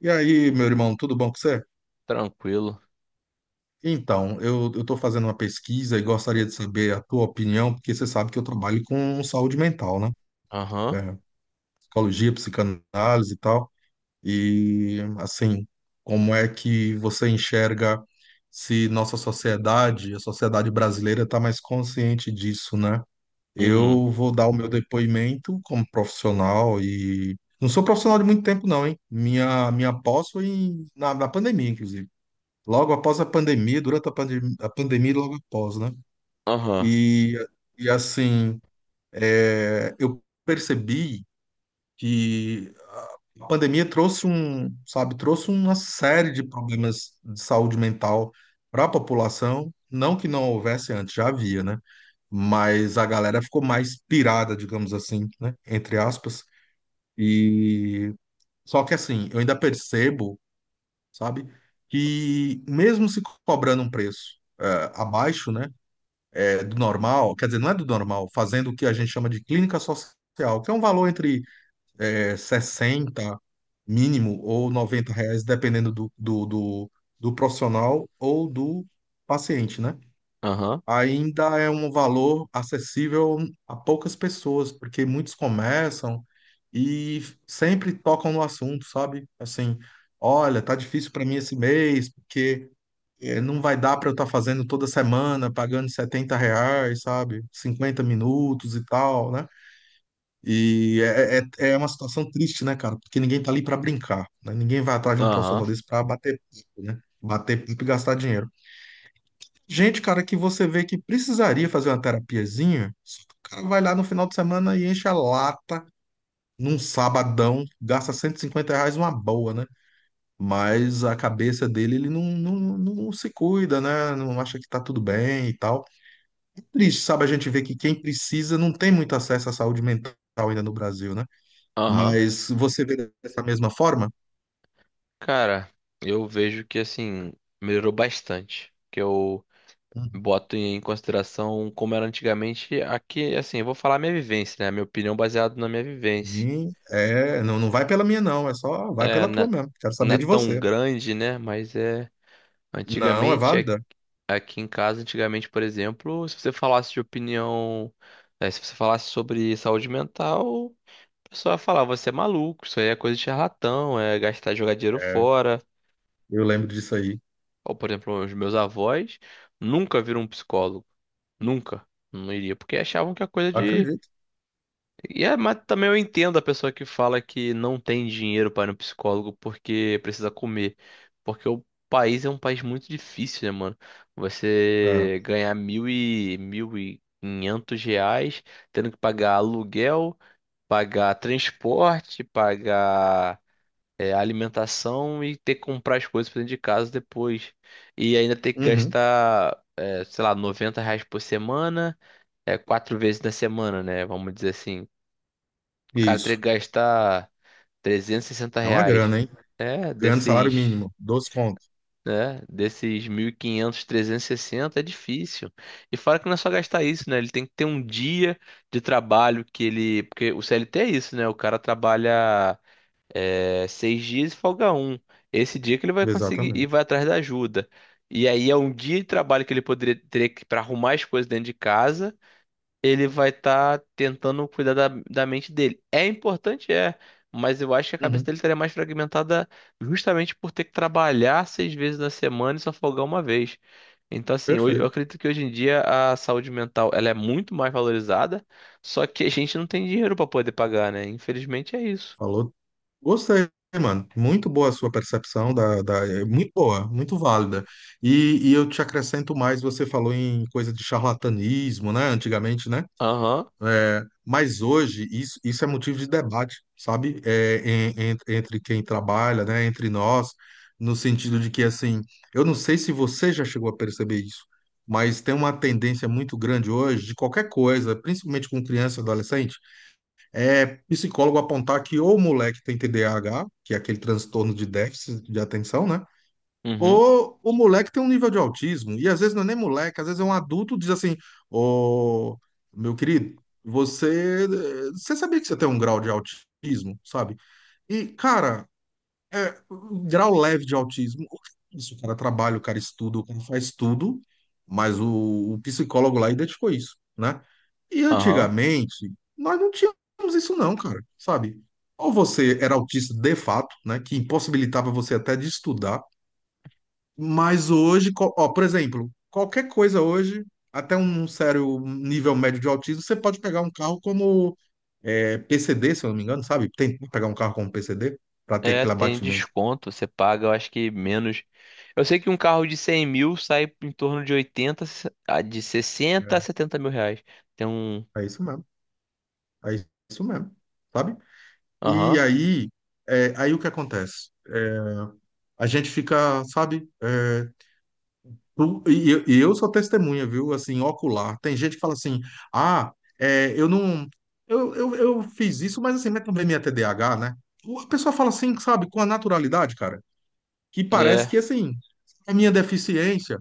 E aí, meu irmão, tudo bom com você? Tranquilo. Então, eu estou fazendo uma pesquisa e gostaria de saber a tua opinião, porque você sabe que eu trabalho com saúde mental, né? Aham. É, Psicologia, psicanálise e tal. E, assim, como é que você enxerga se nossa sociedade, a sociedade brasileira, está mais consciente disso, né? Uhum. Eu vou dar o meu depoimento como profissional e. Não sou profissional de muito tempo, não, hein? Minha pós foi na pandemia, inclusive. Logo após a pandemia, durante a, pandem a pandemia, e logo após, né? Aham. E, e assim, eu percebi que a pandemia trouxe um, sabe, trouxe uma série de problemas de saúde mental para a população. Não que não houvesse antes, já havia, né? Mas a galera ficou mais pirada, digamos assim, né? Entre aspas. E só que assim, eu ainda percebo, sabe? Que mesmo se cobrando um preço abaixo, né, do normal, quer dizer, não é do normal, fazendo o que a gente chama de clínica social, que é um valor entre 60 mínimo ou 90 reais, dependendo do profissional ou do paciente, né? Aham. Ainda é um valor acessível a poucas pessoas, porque muitos começam e sempre tocam no assunto, sabe? Assim, olha, tá difícil para mim esse mês, porque não vai dar para eu estar fazendo toda semana, pagando 70 reais, sabe? 50 minutos e tal, né? E é uma situação triste, né, cara? Porque ninguém tá ali para brincar, né? Ninguém vai atrás de um Aham. profissional desse para bater papo, né? Bater papo e gastar dinheiro. Gente, cara, que você vê que precisaria fazer uma terapiazinha, só que o cara vai lá no final de semana e enche a lata num sabadão, gasta 150 reais uma boa, né? Mas a cabeça dele, ele não se cuida, né? Não acha que tá tudo bem e tal. É triste, sabe? A gente vê que quem precisa não tem muito acesso à saúde mental ainda no Brasil, né? Aham. Mas você vê dessa mesma forma? Cara, eu vejo que assim, melhorou bastante. Que eu boto em consideração como era antigamente. Aqui, assim, eu vou falar minha vivência, né? Minha opinião baseada na minha vivência. Uhum. É, não, não vai pela minha, não. É só, vai É, pela tua mesmo. Quero não é saber de tão você. grande, né? Mas é. Não, é Antigamente, válida. aqui em casa, antigamente, por exemplo, se você falasse de opinião, né, se você falasse sobre saúde mental. O pessoal ia falar, você é maluco, isso aí é coisa de charlatão, é gastar, jogar dinheiro É, fora. eu lembro disso aí. Ou, por exemplo, os meus avós nunca viram um psicólogo. Nunca. Não iria, porque achavam que é coisa de. Acredito. Mas também eu entendo a pessoa que fala que não tem dinheiro para ir no psicólogo porque precisa comer. Porque o país é um país muito difícil, né, mano? É. Você ganhar mil e mil e quinhentos reais, tendo que pagar aluguel, pagar transporte, pagar a alimentação e ter que comprar as coisas pra dentro de casa depois. E ainda ter que Uhum. gastar, sei lá, R$ 90 por semana, quatro vezes na semana, né? Vamos dizer assim. O cara teria Isso. que gastar 360 É uma reais. grana, hein? É, Ganhando desses, salário mínimo, dois contos. né? Desses 1.500, 360 é difícil. E fora que não é só gastar isso, né? Ele tem que ter um dia de trabalho que ele. Porque o CLT é isso, né? O cara trabalha. É, seis dias e folga um. Esse dia que ele vai conseguir e Exatamente. vai atrás da ajuda. E aí é um dia de trabalho que ele poderia ter que para arrumar as coisas dentro de casa. Ele vai estar tentando cuidar da mente dele. É importante, mas eu acho que a cabeça Uhum. dele estaria mais fragmentada justamente por ter que trabalhar seis vezes na semana e só folgar uma vez. Então, assim, eu Perfeito. acredito que hoje em dia a saúde mental ela é muito mais valorizada, só que a gente não tem dinheiro para poder pagar, né? Infelizmente é isso. Falou. Gostei, mano. Muito boa a sua percepção é muito boa, muito válida. E eu te acrescento mais, você falou em coisa de charlatanismo, né? Antigamente, né? Aham. É, mas hoje isso é motivo de debate, sabe? É, entre quem trabalha, né? Entre nós, no sentido de que assim, eu não sei se você já chegou a perceber isso, mas tem uma tendência muito grande hoje de qualquer coisa, principalmente com criança e adolescente. É psicólogo apontar que ou o moleque tem TDAH, que é aquele transtorno de déficit de atenção, né? Uhum. Ou o moleque tem um nível de autismo. E às vezes não é nem moleque, às vezes é um adulto diz assim: ô, meu querido, você, você sabia que você tem um grau de autismo, sabe? E, cara, é, grau leve de autismo. O que é isso, o cara trabalha, o cara estuda, o cara faz tudo, mas o psicólogo lá identificou isso, né? E Aham. antigamente, nós não tínhamos isso não, cara, sabe? Ou você era autista de fato, né, que impossibilitava você até de estudar, mas hoje, ó, por exemplo, qualquer coisa hoje, até um sério nível médio de autismo, você pode pegar um carro como PCD, se eu não me engano, sabe? Tem que pegar um carro como PCD para ter É, aquele tem abatimento. desconto. Você paga, eu acho que menos. Eu sei que um carro de 100 mil sai em torno de 80 de 60 a 70 mil reais. Tem um. É isso mesmo. É isso mesmo. Sabe? E Aham. aí, aí o que acontece? A gente fica, sabe? Eu sou testemunha, viu? Assim, ocular. Tem gente que fala assim: ah, eu não. Eu fiz isso, mas assim, mas também minha TDAH, né? A pessoa fala assim, sabe? Com a naturalidade, cara, que parece É, que, assim, é minha deficiência.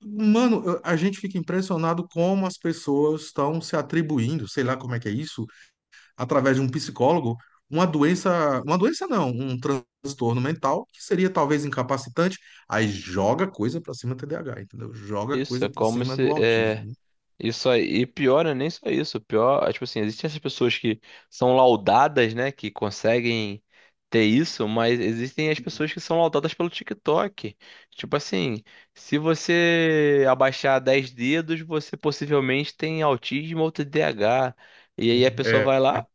Mano, a gente fica impressionado como as pessoas estão se atribuindo, sei lá como é que é isso, através de um psicólogo, uma doença não, um transtorno mental que seria talvez incapacitante, aí joga coisa para cima do TDAH, entendeu? Joga isso. coisa É para como cima do se. Autismo. Isso aí, e pior não é nem só isso, pior, tipo assim, existem essas pessoas que são laudadas, né, que conseguem ter isso, mas existem as pessoas que são laudadas pelo TikTok. Tipo assim, se você abaixar 10 dedos, você possivelmente tem autismo ou T D A H. E aí a pessoa É, vai lá.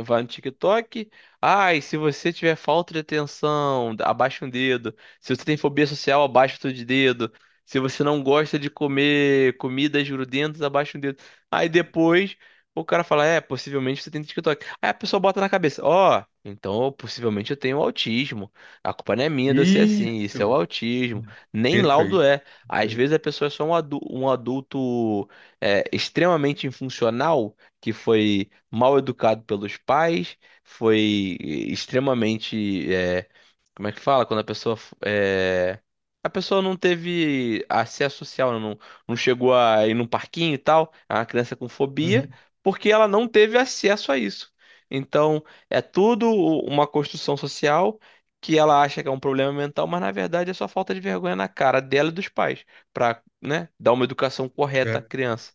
Vai no TikTok. Ai, se você tiver falta de atenção, abaixa um dedo. Se você tem fobia social, abaixa outro de dedo. Se você não gosta de comer comidas grudentas, abaixa um dedo. Aí depois o cara fala: é, possivelmente você tem TikTok. Aí a pessoa bota na cabeça: ó, então possivelmente eu tenho autismo. A culpa não é minha de eu ser assim. Isso é o isso, autismo. Nem laudo perfeito. é. Às Perfeito. vezes a pessoa é só um adulto extremamente infuncional que foi mal educado pelos pais, foi extremamente, como é que fala? Quando a pessoa, a pessoa não teve acesso social, né? Não, não chegou a ir num parquinho e tal, é uma criança com fobia, Uhum. porque ela não teve acesso a isso. Então, é tudo uma construção social que ela acha que é um problema mental, mas na verdade é só falta de vergonha na cara dela e dos pais, para, né, dar uma educação correta à criança.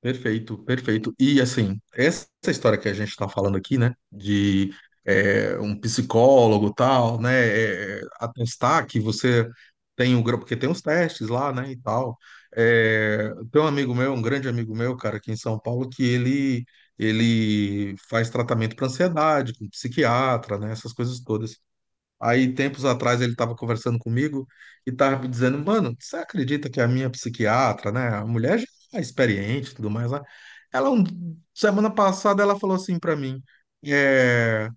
Perfeito, perfeito. E assim, essa história que a gente está falando aqui, né, de um psicólogo tal, né, atestar que você tem um grupo, porque tem uns testes lá, né, e tal. É, tem um amigo meu, um grande amigo meu, cara, aqui em São Paulo, que ele faz tratamento para ansiedade, com psiquiatra, né, essas coisas todas. Aí, tempos atrás, ele estava conversando comigo e estava me dizendo, mano, você acredita que a minha psiquiatra, né, a mulher já é experiente e tudo mais, né? Ela, semana passada, ela falou assim para mim, é,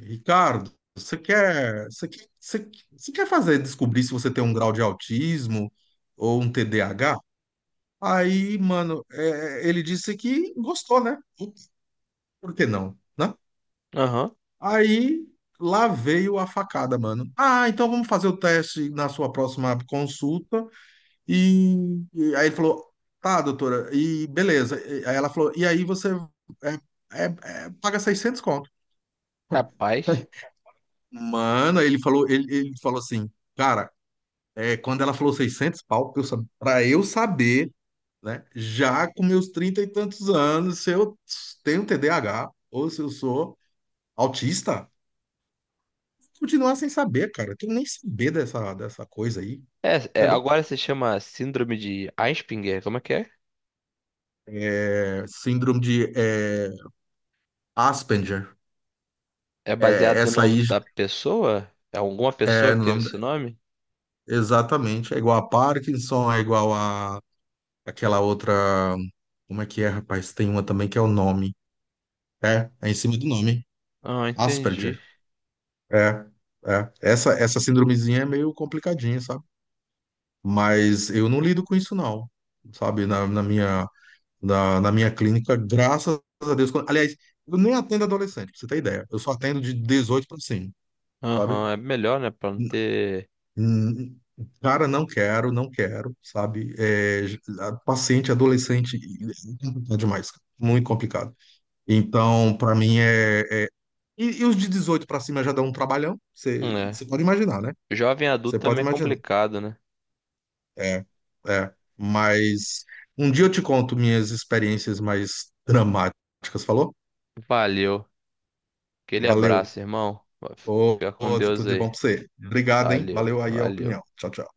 Ricardo, você quer fazer descobrir se você tem um grau de autismo ou um TDAH? Aí, mano, ele disse que gostou, né? Por que não, né? Aham. Aí lá veio a facada, mano. Ah, então vamos fazer o teste na sua próxima consulta. E, e aí ele falou, tá, doutora, e beleza. Aí ela falou, e aí você é, é- paga 600, conto. Rapaz. Mano, aí ele falou, ele falou assim, cara, quando ela falou 600, pau, pra eu, pra eu saber, né, já com meus 30 e tantos anos, se eu tenho TDAH ou se eu sou autista, continuar sem saber, cara. Tem que nem saber dessa, dessa coisa aí, É, entendeu? agora se chama Síndrome de Asperger, como é que é? É, síndrome de Asperger. É É, baseado no essa nome aí da pessoa? É alguma pessoa é que no teve nome. esse nome? Exatamente. É igual a Parkinson, é igual a aquela outra. Como é que é, rapaz? Tem uma também que é o nome. É, é em cima do nome. Ah, Asperger. entendi. É, é. Essa síndromezinha é meio complicadinha, sabe? Mas eu não lido com isso, não. Sabe? Na, na minha clínica, graças a Deus. Aliás, eu nem atendo adolescente, pra você ter ideia. Eu só atendo de 18 para cima, sabe? Aham, é melhor, né, pra não N- ter... n- Cara, não quero, sabe? É, paciente adolescente é complicado demais, cara. Muito complicado. Então, para mim E, e os de 18 para cima já dão um trabalhão, é. você pode imaginar, né? Jovem adulto Você também pode é imaginar. complicado, né? É, é. Mas um dia eu te conto minhas experiências mais dramáticas, falou? Valeu. Aquele Valeu. abraço, irmão. Ô, Fica com ô, tudo Deus de bom aí. pra você. Obrigado, hein? Valeu, Valeu aí a valeu. opinião. Tchau, tchau.